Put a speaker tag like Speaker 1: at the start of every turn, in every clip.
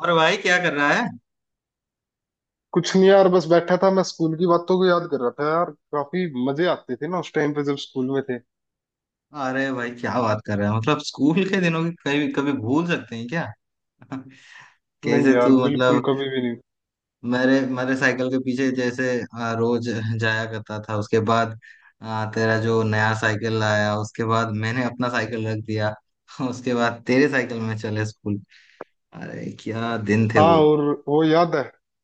Speaker 1: और भाई क्या कर रहा है?
Speaker 2: कुछ नहीं यार। बस बैठा था, मैं स्कूल की बातों को याद कर रहा था यार। काफी मजे आते थे ना उस टाइम पे जब स्कूल में थे।
Speaker 1: अरे भाई क्या बात कर रहा है, मतलब स्कूल के दिनों की कभी कभी भूल सकते हैं क्या?
Speaker 2: नहीं
Speaker 1: कैसे
Speaker 2: यार,
Speaker 1: तू
Speaker 2: बिल्कुल
Speaker 1: मतलब।
Speaker 2: कभी भी नहीं।
Speaker 1: मेरे मेरे साइकिल के पीछे जैसे रोज जाया करता था। उसके बाद तेरा जो नया साइकिल आया, उसके बाद मैंने अपना साइकिल रख दिया। उसके बाद तेरे साइकिल में चले स्कूल। अरे क्या दिन थे
Speaker 2: हाँ
Speaker 1: वो।
Speaker 2: और वो याद है,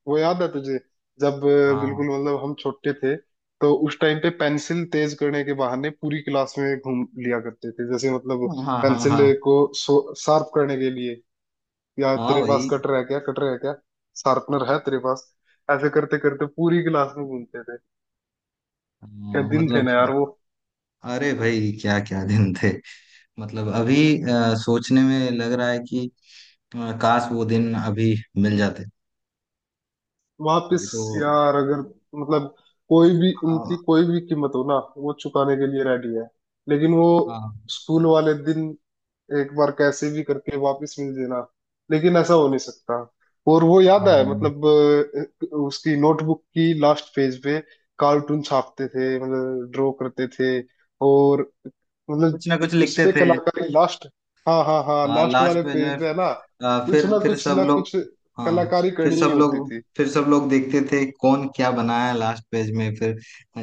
Speaker 2: वो याद है तुझे जब
Speaker 1: हाँ,
Speaker 2: बिल्कुल मतलब हम छोटे थे तो उस टाइम पे पेंसिल तेज करने के बहाने पूरी क्लास में घूम लिया करते थे, जैसे मतलब।
Speaker 1: हाँ, हाँ, हाँ।
Speaker 2: पेंसिल
Speaker 1: हाँ,
Speaker 2: को शार्प करने के लिए या
Speaker 1: हाँ
Speaker 2: तेरे पास
Speaker 1: भाई।
Speaker 2: कटर है क्या, कटर है क्या, शार्पनर है तेरे पास? ऐसे करते करते पूरी क्लास में घूमते थे। क्या
Speaker 1: हाँ,
Speaker 2: दिन थे
Speaker 1: मतलब
Speaker 2: ना
Speaker 1: हाँ।
Speaker 2: यार वो।
Speaker 1: अरे भाई क्या क्या दिन थे। मतलब अभी सोचने में लग रहा है कि काश वो दिन अभी मिल जाते। अभी
Speaker 2: वापस
Speaker 1: तो।
Speaker 2: यार अगर मतलब कोई भी
Speaker 1: हाँ,
Speaker 2: उनकी कोई भी कीमत हो ना, वो चुकाने के लिए रेडी है। लेकिन वो
Speaker 1: हाँ।
Speaker 2: स्कूल वाले दिन एक बार कैसे भी करके वापस मिल देना। लेकिन ऐसा हो नहीं सकता। और वो याद है,
Speaker 1: हाँ,
Speaker 2: मतलब उसकी नोटबुक की लास्ट पेज पे कार्टून छापते थे, मतलब ड्रॉ करते थे। और
Speaker 1: कुछ ना
Speaker 2: मतलब
Speaker 1: कुछ
Speaker 2: उस
Speaker 1: लिखते
Speaker 2: पे
Speaker 1: थे।
Speaker 2: कलाकारी, लास्ट। हाँ हाँ हाँ, लास्ट
Speaker 1: लास्ट
Speaker 2: वाले
Speaker 1: पेज में।
Speaker 2: पेज पे है ना। कुछ
Speaker 1: फिर
Speaker 2: ना
Speaker 1: फिर
Speaker 2: कुछ
Speaker 1: सब
Speaker 2: ना
Speaker 1: लोग।
Speaker 2: कुछ
Speaker 1: हाँ,
Speaker 2: कलाकारी
Speaker 1: फिर
Speaker 2: करनी ही
Speaker 1: सब
Speaker 2: होती
Speaker 1: लोग
Speaker 2: थी।
Speaker 1: फिर सब लोग देखते थे कौन क्या बनाया लास्ट पेज में फिर।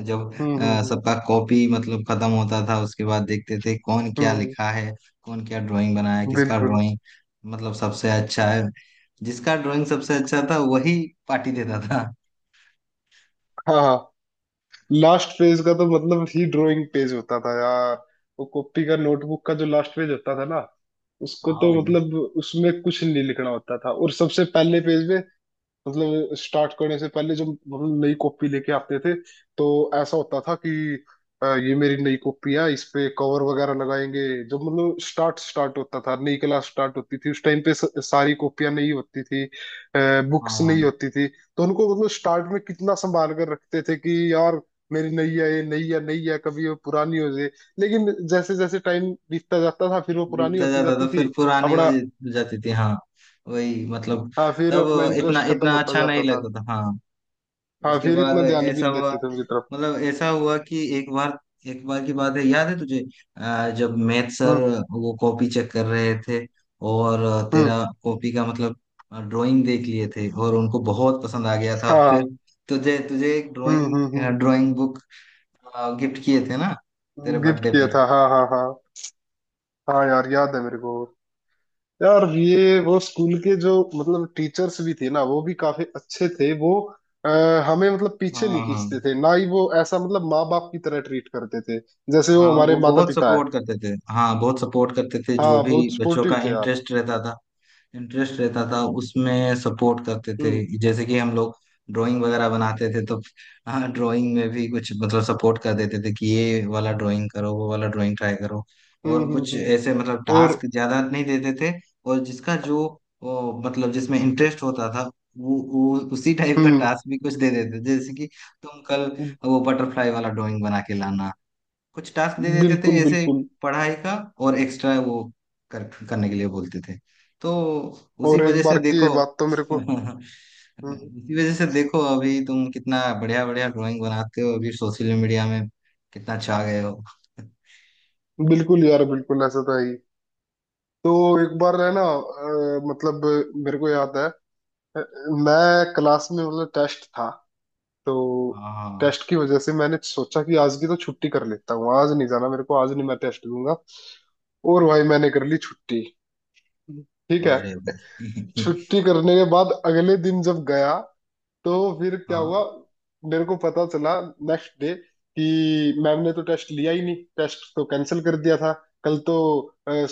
Speaker 1: जब
Speaker 2: हम्म।
Speaker 1: सबका कॉपी मतलब खत्म होता था, उसके बाद देखते थे कौन क्या
Speaker 2: हम्म,
Speaker 1: लिखा है, कौन क्या ड्राइंग बनाया है, किसका
Speaker 2: बिल्कुल।
Speaker 1: ड्राइंग मतलब सबसे अच्छा है। जिसका ड्राइंग सबसे अच्छा था वही पार्टी देता था।
Speaker 2: हाँ हाँ, लास्ट पेज का तो मतलब ही ड्राइंग पेज होता था यार। वो कॉपी का, नोटबुक का जो लास्ट पेज होता था ना, उसको
Speaker 1: हाँ
Speaker 2: तो
Speaker 1: भाई।
Speaker 2: मतलब उसमें कुछ नहीं लिखना होता था। और सबसे पहले पेज में मतलब स्टार्ट करने से पहले जब मतलब नई कॉपी लेके आते थे तो ऐसा होता था कि ये मेरी नई कॉपी है, इस पे कवर वगैरह लगाएंगे। जब मतलब स्टार्ट स्टार्ट होता था, नई क्लास स्टार्ट होती थी, उस टाइम पे सारी कॉपियां नहीं होती थी, बुक्स
Speaker 1: हाँ,
Speaker 2: नहीं होती थी। तो उनको मतलब स्टार्ट में कितना संभाल कर रखते थे कि यार मेरी नई है, ये नई है, नई है, कभी वो पुरानी हो जाए। लेकिन जैसे जैसे टाइम बीतता जाता था फिर वो पुरानी
Speaker 1: बीतता
Speaker 2: होती
Speaker 1: जाता
Speaker 2: जाती
Speaker 1: तो फिर
Speaker 2: थी।
Speaker 1: पुरानी हो
Speaker 2: अपना।
Speaker 1: जाती थी, हाँ। वही मतलब।
Speaker 2: हाँ फिर
Speaker 1: तब
Speaker 2: अपना
Speaker 1: इतना
Speaker 2: इंटरेस्ट खत्म
Speaker 1: इतना
Speaker 2: होता
Speaker 1: अच्छा नहीं
Speaker 2: जाता था।
Speaker 1: लगता था, हाँ।
Speaker 2: हाँ
Speaker 1: उसके
Speaker 2: फिर इतना
Speaker 1: बाद
Speaker 2: ध्यान भी
Speaker 1: ऐसा
Speaker 2: नहीं
Speaker 1: हुआ,
Speaker 2: देते थे उनकी तरफ।
Speaker 1: मतलब ऐसा हुआ कि एक बार की बात है, याद है तुझे? जब मैथ सर
Speaker 2: हम्म
Speaker 1: वो कॉपी चेक कर रहे थे, और
Speaker 2: हम्म।
Speaker 1: तेरा कॉपी का मतलब ड्राइंग देख लिए थे और उनको बहुत पसंद आ गया था। फिर
Speaker 2: हाँ।
Speaker 1: तुझे तुझे एक ड्राइंग,
Speaker 2: हम्म।
Speaker 1: ड्राइंग बुक गिफ्ट किए थे ना तेरे
Speaker 2: गिफ्ट
Speaker 1: बर्थडे
Speaker 2: किया
Speaker 1: पर।
Speaker 2: था, हाँ हाँ हाँ। हाँ यार, याद है मेरे को। यार ये वो स्कूल के जो मतलब टीचर्स भी थे ना, वो भी काफी अच्छे थे वो हमें मतलब पीछे नहीं
Speaker 1: हाँ, हाँ,
Speaker 2: खींचते थे, ना ही वो ऐसा मतलब, माँ बाप की तरह ट्रीट करते थे जैसे वो
Speaker 1: हाँ।
Speaker 2: हमारे
Speaker 1: वो
Speaker 2: माता
Speaker 1: बहुत
Speaker 2: पिता है।
Speaker 1: सपोर्ट करते थे, हाँ, बहुत सपोर्ट करते थे। जो
Speaker 2: हाँ
Speaker 1: भी
Speaker 2: बहुत
Speaker 1: बच्चों
Speaker 2: सपोर्टिव
Speaker 1: का
Speaker 2: थे यार।
Speaker 1: इंटरेस्ट रहता था, इंटरेस्ट रहता था उसमें सपोर्ट करते थे।
Speaker 2: हम्म
Speaker 1: जैसे कि हम लोग ड्राइंग वगैरह बनाते थे तो हाँ, ड्राइंग में भी कुछ मतलब सपोर्ट कर देते थे कि ये वाला ड्राइंग करो, वो वाला ड्राइंग ट्राई करो। और
Speaker 2: हम्म।
Speaker 1: कुछ ऐसे मतलब
Speaker 2: और।
Speaker 1: टास्क ज्यादा नहीं देते थे। और जिसका जो वो, मतलब जिसमें इंटरेस्ट होता था, वो उसी टाइप का
Speaker 2: हम्म।
Speaker 1: टास्क भी कुछ दे देते थे, जैसे कि तुम कल वो बटरफ्लाई वाला ड्राइंग बना के लाना। कुछ टास्क दे देते थे
Speaker 2: बिल्कुल
Speaker 1: ऐसे,
Speaker 2: बिल्कुल।
Speaker 1: पढ़ाई का और एक्स्ट्रा वो कर, करने के लिए बोलते थे तो उसी
Speaker 2: और एक
Speaker 1: वजह से
Speaker 2: बार
Speaker 1: देखो।
Speaker 2: की बात तो मेरे को। हम्म,
Speaker 1: उसी वजह से देखो अभी तुम कितना बढ़िया बढ़िया ड्राइंग बनाते हो, अभी सोशल मीडिया में कितना छा गए हो।
Speaker 2: बिल्कुल यार, बिल्कुल ऐसा था ही। तो एक बार है ना मतलब मेरे को याद है, मैं क्लास में मतलब टेस्ट था। तो
Speaker 1: हाँ।
Speaker 2: टेस्ट की वजह से मैंने सोचा कि आज की तो छुट्टी कर लेता हूँ, आज नहीं जाना मेरे को, आज नहीं, मैं टेस्ट दूंगा। और भाई मैंने कर ली छुट्टी। ठीक है।
Speaker 1: अरे भाई।
Speaker 2: छुट्टी करने के बाद अगले दिन जब गया तो फिर क्या हुआ,
Speaker 1: हाँ,
Speaker 2: मेरे को पता चला नेक्स्ट डे कि मैम ने तो टेस्ट लिया ही नहीं, टेस्ट तो कैंसिल कर दिया था। कल तो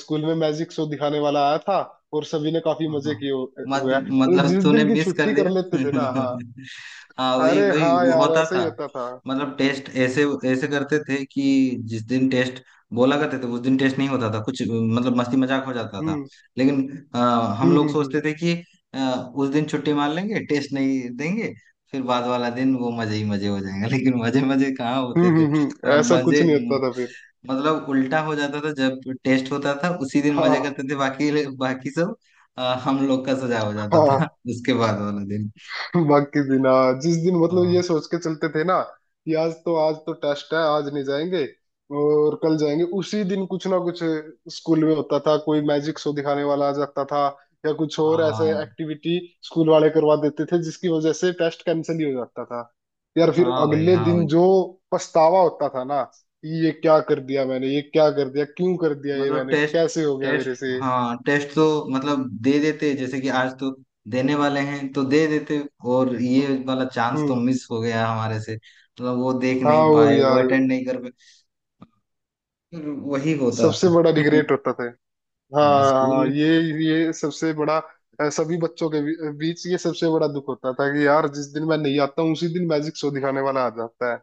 Speaker 2: स्कूल में मैजिक शो दिखाने वाला आया था और सभी ने काफी मजे
Speaker 1: हाँ,
Speaker 2: किए
Speaker 1: मत,
Speaker 2: हुए हैं, और
Speaker 1: मतलब
Speaker 2: जिस
Speaker 1: तूने
Speaker 2: दिन की
Speaker 1: मिस कर
Speaker 2: छुट्टी कर
Speaker 1: दिया।
Speaker 2: लेते थे ना, हाँ।
Speaker 1: हाँ, वही
Speaker 2: अरे
Speaker 1: वही
Speaker 2: हाँ यार,
Speaker 1: होता
Speaker 2: ऐसा ही
Speaker 1: था।
Speaker 2: होता था।
Speaker 1: मतलब टेस्ट ऐसे ऐसे करते थे कि जिस दिन टेस्ट बोला करते थे उस दिन टेस्ट नहीं होता था, कुछ मतलब मस्ती मजाक हो जाता था।
Speaker 2: हम्म
Speaker 1: लेकिन हम
Speaker 2: हम्म
Speaker 1: लोग
Speaker 2: हम्म हम्म
Speaker 1: सोचते थे कि उस दिन छुट्टी मार लेंगे, टेस्ट नहीं देंगे, फिर बाद वाला दिन वो मजे ही मजे हो जाएंगे। लेकिन मजे मजे कहाँ होते थे,
Speaker 2: हम्म।
Speaker 1: मतलब
Speaker 2: ऐसा कुछ
Speaker 1: मजे
Speaker 2: नहीं होता था फिर।
Speaker 1: मतलब उल्टा हो जाता था। जब टेस्ट होता था उसी दिन मजे
Speaker 2: हाँ
Speaker 1: करते थे, बाकी बाकी सब हम लोग का सजा हो जाता था
Speaker 2: हाँ।
Speaker 1: उसके बाद वाला दिन।
Speaker 2: बाकी दिन, हाँ, जिस दिन
Speaker 1: आ,
Speaker 2: मतलब ये सोच के चलते थे ना कि आज तो, आज तो टेस्ट है, आज नहीं जाएंगे और कल जाएंगे, उसी दिन कुछ ना कुछ स्कूल में होता था, कोई मैजिक शो दिखाने वाला आ जाता था या कुछ और ऐसे
Speaker 1: हाँ,
Speaker 2: एक्टिविटी स्कूल वाले करवा देते थे, जिसकी वजह से टेस्ट कैंसिल ही हो जाता था। यार फिर
Speaker 1: हाँ भाई।
Speaker 2: अगले
Speaker 1: हाँ भाई,
Speaker 2: दिन जो पछतावा होता था ना कि ये क्या कर दिया मैंने, ये क्या कर दिया, क्यों कर दिया ये
Speaker 1: मतलब
Speaker 2: मैंने,
Speaker 1: टेस्ट
Speaker 2: कैसे हो गया
Speaker 1: टेस्ट
Speaker 2: मेरे से।
Speaker 1: हाँ, टेस्ट तो मतलब दे देते, जैसे कि आज तो देने वाले हैं तो दे देते, और ये
Speaker 2: हम्म
Speaker 1: वाला चांस तो
Speaker 2: हम्म।
Speaker 1: मिस हो गया हमारे से, मतलब वो देख
Speaker 2: हाँ
Speaker 1: नहीं
Speaker 2: और
Speaker 1: पाए, वो
Speaker 2: यार,
Speaker 1: अटेंड नहीं कर पाए। फिर वही होता
Speaker 2: सबसे
Speaker 1: था।
Speaker 2: बड़ा रिग्रेट होता था।
Speaker 1: हाँ स्कूल
Speaker 2: हाँ
Speaker 1: में।
Speaker 2: ये सबसे बड़ा सभी बच्चों के बीच ये सबसे बड़ा दुख होता था कि यार जिस दिन मैं नहीं आता हूँ उसी दिन मैजिक शो दिखाने वाला आ जाता है।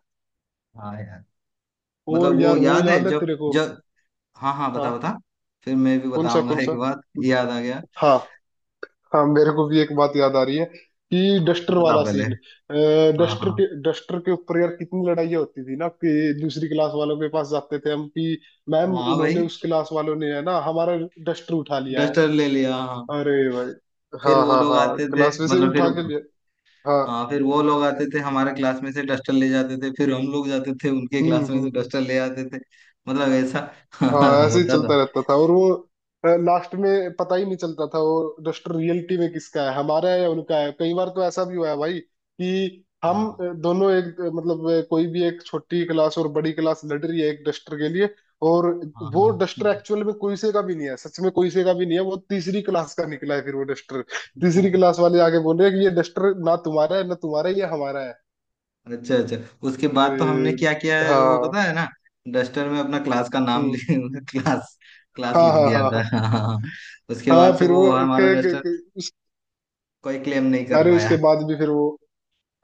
Speaker 1: हाँ यार, मतलब
Speaker 2: और
Speaker 1: वो
Speaker 2: यार वो
Speaker 1: याद है
Speaker 2: याद है
Speaker 1: जब
Speaker 2: तेरे को?
Speaker 1: जब। हाँ, हाँ, बता
Speaker 2: हाँ।
Speaker 1: बता। फिर मैं भी
Speaker 2: कौन सा,
Speaker 1: बताऊंगा,
Speaker 2: कौन
Speaker 1: एक
Speaker 2: सा?
Speaker 1: बात याद आ गया।
Speaker 2: हाँ हाँ, मेरे को भी एक बात याद आ रही है कि
Speaker 1: हाँ, तो
Speaker 2: डस्टर
Speaker 1: बता
Speaker 2: वाला
Speaker 1: पहले।
Speaker 2: सीन।
Speaker 1: हाँ,
Speaker 2: डस्टर
Speaker 1: हाँ,
Speaker 2: के, डस्टर के ऊपर यार कितनी लड़ाइयाँ होती थी ना कि दूसरी क्लास वालों के पास जाते थे हम कि मैम,
Speaker 1: हाँ
Speaker 2: उन्होंने,
Speaker 1: भाई।
Speaker 2: उस क्लास वालों ने है ना, हमारा डस्टर उठा लिया है।
Speaker 1: डस्टर ले लिया, हाँ।
Speaker 2: अरे भाई।
Speaker 1: फिर
Speaker 2: हाँ
Speaker 1: वो
Speaker 2: हाँ
Speaker 1: लोग
Speaker 2: हाँ,
Speaker 1: आते थे,
Speaker 2: क्लास में से
Speaker 1: मतलब फिर।
Speaker 2: उठा के लिया। हाँ।
Speaker 1: हाँ, फिर वो लोग आते थे हमारे क्लास में से डस्टर ले जाते थे, फिर हम लोग जाते थे उनके
Speaker 2: हम्म
Speaker 1: क्लास में
Speaker 2: हम्म
Speaker 1: से
Speaker 2: हम्म।
Speaker 1: डस्टर ले आते थे। मतलब ऐसा
Speaker 2: हाँ ऐसे ही
Speaker 1: होता था।
Speaker 2: चलता रहता था। और वो लास्ट में पता ही नहीं चलता था वो डस्टर रियलिटी में किसका है, हमारा है या उनका है। कई बार तो ऐसा भी हुआ है भाई कि हम
Speaker 1: हाँ,
Speaker 2: दोनों, एक मतलब कोई भी एक छोटी क्लास और बड़ी क्लास लड़ रही है एक डस्टर के लिए, और
Speaker 1: हाँ,
Speaker 2: वो डस्टर
Speaker 1: हाँ।
Speaker 2: एक्चुअल में कोई से का भी नहीं है, सच में कोई से का भी नहीं है, वो तीसरी क्लास का निकला है फिर वो डस्टर। तीसरी क्लास वाले आगे बोल रहे हैं कि ये डस्टर ना तुम्हारा है, ये हमारा है।
Speaker 1: अच्छा, अच्छा। उसके
Speaker 2: और
Speaker 1: बाद तो हमने क्या किया है वो
Speaker 2: हाँ।
Speaker 1: पता है ना? डस्टर में अपना क्लास का नाम
Speaker 2: हम्म।
Speaker 1: लिख। क्लास क्लास
Speaker 2: हाँ
Speaker 1: लिख
Speaker 2: हाँ
Speaker 1: दिया
Speaker 2: हाँ
Speaker 1: था।
Speaker 2: हाँ।
Speaker 1: हाँ, उसके
Speaker 2: हाँ
Speaker 1: बाद से
Speaker 2: फिर वो
Speaker 1: वो हमारा डस्टर कोई क्लेम नहीं कर
Speaker 2: अरे
Speaker 1: पाया।
Speaker 2: उसके बाद भी फिर वो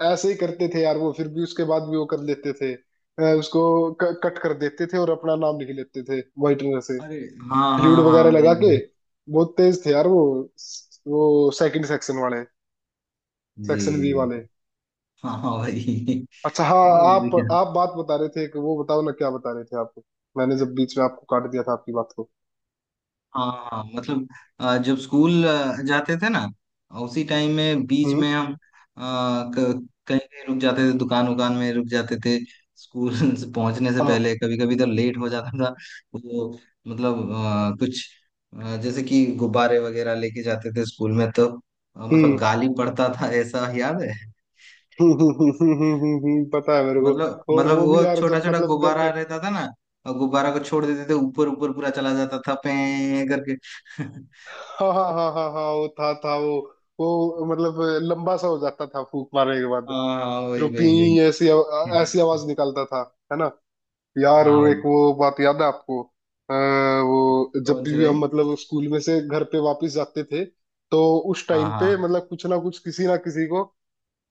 Speaker 2: ऐसे ही करते थे यार, वो फिर भी उसके बाद भी वो कर लेते थे उसको कट कर देते थे और अपना नाम लिख लेते थे व्हाइटनर से,
Speaker 1: अरे हाँ,
Speaker 2: फ्लूइड
Speaker 1: हाँ, हाँ,
Speaker 2: वगैरह
Speaker 1: वही
Speaker 2: लगा के।
Speaker 1: वही।
Speaker 2: बहुत तेज थे यार वो सेकंड सेक्शन वाले,
Speaker 1: जी,
Speaker 2: सेक्शन बी
Speaker 1: जी।
Speaker 2: वाले।
Speaker 1: हाँ, हाँ भाई।
Speaker 2: अच्छा हाँ।
Speaker 1: हाँ, वो भी क्या।
Speaker 2: आप बात बता रहे थे कि वो, बताओ ना क्या बता रहे थे आप, मैंने जब बीच में आपको काट दिया था आपकी बात को।
Speaker 1: हाँ, हाँ, मतलब जब स्कूल जाते थे ना, उसी टाइम में बीच
Speaker 2: हम्म।
Speaker 1: में हम कहीं कहीं रुक जाते थे, दुकान उकान में रुक जाते थे। स्कूल से पहुंचने से
Speaker 2: हाँ।
Speaker 1: पहले कभी कभी तो लेट हो जाता था वो, मतलब कुछ जैसे कि गुब्बारे वगैरह लेके जाते थे स्कूल में तो मतलब
Speaker 2: हम्म।
Speaker 1: गाली पड़ता था, ऐसा याद है।
Speaker 2: पता है मेरे को।
Speaker 1: मतलब
Speaker 2: और
Speaker 1: मतलब
Speaker 2: वो भी
Speaker 1: वो
Speaker 2: यार
Speaker 1: छोटा
Speaker 2: जब
Speaker 1: छोटा
Speaker 2: मतलब घर
Speaker 1: गुब्बारा
Speaker 2: पे।
Speaker 1: रहता था ना, और गुब्बारा को छोड़ देते थे, ऊपर ऊपर पूरा चला जाता था, पे करके।
Speaker 2: हाँ हाँ हाँ हाँ हाँ, वो था वो मतलब लंबा सा हो जाता था फूक मारने के बाद।
Speaker 1: हाँ,
Speaker 2: फिर
Speaker 1: वही,
Speaker 2: वो
Speaker 1: वही, वही।
Speaker 2: पी, ऐसी आवाज निकालता था, है ना। यार
Speaker 1: हाँ
Speaker 2: और एक
Speaker 1: भाई।
Speaker 2: वो बात याद है आपको वो जब
Speaker 1: कौन सी
Speaker 2: भी
Speaker 1: भाई?
Speaker 2: हम मतलब स्कूल में से घर पे वापस जाते थे तो उस
Speaker 1: हाँ,
Speaker 2: टाइम पे
Speaker 1: हाँ,
Speaker 2: मतलब कुछ ना कुछ किसी ना किसी को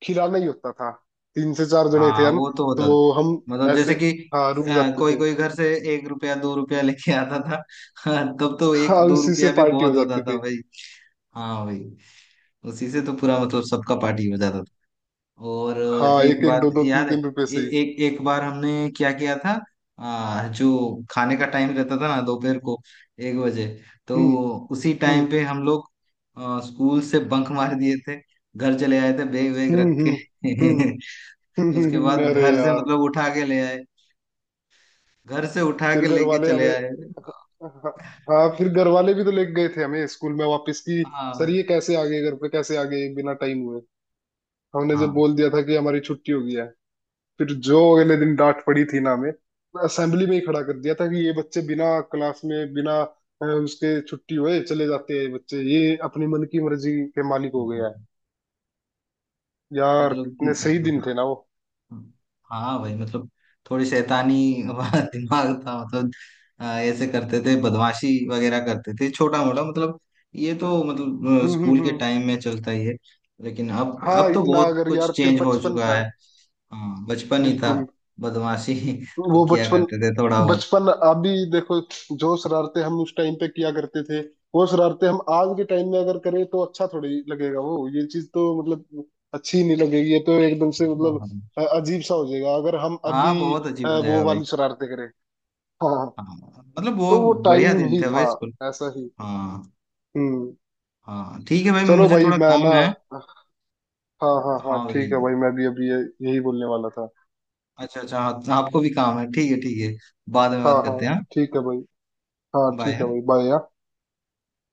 Speaker 2: खिलाना ही होता था। तीन से चार जने थे
Speaker 1: हाँ,
Speaker 2: हम।
Speaker 1: वो तो होता था।
Speaker 2: तो हम
Speaker 1: मतलब
Speaker 2: ऐसे,
Speaker 1: जैसे कि
Speaker 2: हाँ, रुक जाते
Speaker 1: कोई
Speaker 2: थे।
Speaker 1: कोई घर से 1 रुपया 2 रुपया लेके आता था। तब तो
Speaker 2: हाँ
Speaker 1: एक दो
Speaker 2: उसी से
Speaker 1: रुपया भी
Speaker 2: पार्टी हो
Speaker 1: बहुत होता
Speaker 2: जाती
Speaker 1: था
Speaker 2: थी।
Speaker 1: भाई। हाँ भाई, उसी से तो पूरा मतलब सबका पार्टी हो जाता था। और
Speaker 2: हाँ
Speaker 1: एक
Speaker 2: एक एक
Speaker 1: बात
Speaker 2: दो दो तीन
Speaker 1: याद है,
Speaker 2: तीन रुपए
Speaker 1: ए,
Speaker 2: से ही।
Speaker 1: एक एक बार हमने क्या किया था। जो खाने का टाइम रहता था ना, दोपहर को 1 बजे, तो
Speaker 2: हम्म
Speaker 1: उसी
Speaker 2: हम्म।
Speaker 1: टाइम पे हम लोग स्कूल से बंक मार दिए थे, घर चले आए थे बैग वैग
Speaker 2: हम्म
Speaker 1: रख
Speaker 2: हम्म हम्म।
Speaker 1: के। उसके बाद
Speaker 2: अरे
Speaker 1: घर से
Speaker 2: यार।
Speaker 1: मतलब उठा के ले आए, घर से उठा
Speaker 2: फिर
Speaker 1: के
Speaker 2: घर
Speaker 1: लेके
Speaker 2: वाले
Speaker 1: चले
Speaker 2: हमें,
Speaker 1: आए।
Speaker 2: हाँ, हाँ, फिर घर वाले भी तो लेके गए थे हमें स्कूल में वापस की सर,
Speaker 1: हाँ,
Speaker 2: ये कैसे आ गए घर पे, कैसे आ गए बिना टाइम हुए? हमने जब
Speaker 1: हाँ,
Speaker 2: बोल दिया था कि हमारी छुट्टी हो गई है। फिर जो अगले दिन डांट पड़ी थी ना हमें, असेंबली में ही खड़ा कर दिया था कि ये बच्चे बिना क्लास में, बिना उसके, छुट्टी हुए चले जाते हैं, ये बच्चे ये अपनी मन की मर्जी के मालिक हो गया है। यार
Speaker 1: मतलब
Speaker 2: कितने सही दिन थे ना वो।
Speaker 1: हाँ भाई, मतलब थोड़ी शैतानी वाला दिमाग था, मतलब ऐसे करते थे, बदमाशी वगैरह करते थे छोटा मोटा, मतलब ये तो मतलब स्कूल के
Speaker 2: हम्म।
Speaker 1: टाइम में चलता ही है। लेकिन अब
Speaker 2: हाँ
Speaker 1: अब तो
Speaker 2: इतना
Speaker 1: बहुत
Speaker 2: अगर,
Speaker 1: कुछ
Speaker 2: यार फिर
Speaker 1: चेंज हो
Speaker 2: बचपन
Speaker 1: चुका
Speaker 2: है।
Speaker 1: है। हाँ, बचपन ही था,
Speaker 2: बिल्कुल।
Speaker 1: बदमाशी
Speaker 2: वो
Speaker 1: तो किया
Speaker 2: बचपन,
Speaker 1: करते थे थोड़ा बहुत।
Speaker 2: बचपन अभी देखो, जो शरारते हम उस टाइम पे किया करते थे, वो शरारते हम आज के टाइम में अगर करें तो अच्छा थोड़ी लगेगा वो, ये चीज तो मतलब अच्छी नहीं लगेगी, ये तो एकदम से
Speaker 1: हाँ,
Speaker 2: मतलब
Speaker 1: हाँ,
Speaker 2: अजीब सा हो जाएगा अगर हम अभी
Speaker 1: हाँ, बहुत अजीब हो जाएगा
Speaker 2: वो
Speaker 1: भाई।
Speaker 2: वाली शरारते करें। हाँ हाँ,
Speaker 1: हाँ, मतलब वो
Speaker 2: तो वो
Speaker 1: बढ़िया
Speaker 2: टाइम
Speaker 1: दिन
Speaker 2: ही
Speaker 1: थे भाई,
Speaker 2: था
Speaker 1: स्कूल।
Speaker 2: ऐसा ही।
Speaker 1: हाँ,
Speaker 2: हम्म।
Speaker 1: हाँ ठीक है भाई,
Speaker 2: चलो
Speaker 1: मुझे
Speaker 2: भाई,
Speaker 1: थोड़ा
Speaker 2: मैं
Speaker 1: काम
Speaker 2: ना,
Speaker 1: है।
Speaker 2: हाँ हाँ हाँ,
Speaker 1: हाँ भाई।
Speaker 2: ठीक है भाई, मैं भी अभी यही बोलने वाला था।
Speaker 1: अच्छा, अच्छा, हाँ, आपको भी काम है, ठीक है, ठीक है। बाद में
Speaker 2: हाँ
Speaker 1: बात करते
Speaker 2: हाँ
Speaker 1: हैं।
Speaker 2: ठीक है भाई। हाँ ठीक है
Speaker 1: बाय।
Speaker 2: भाई, बाय।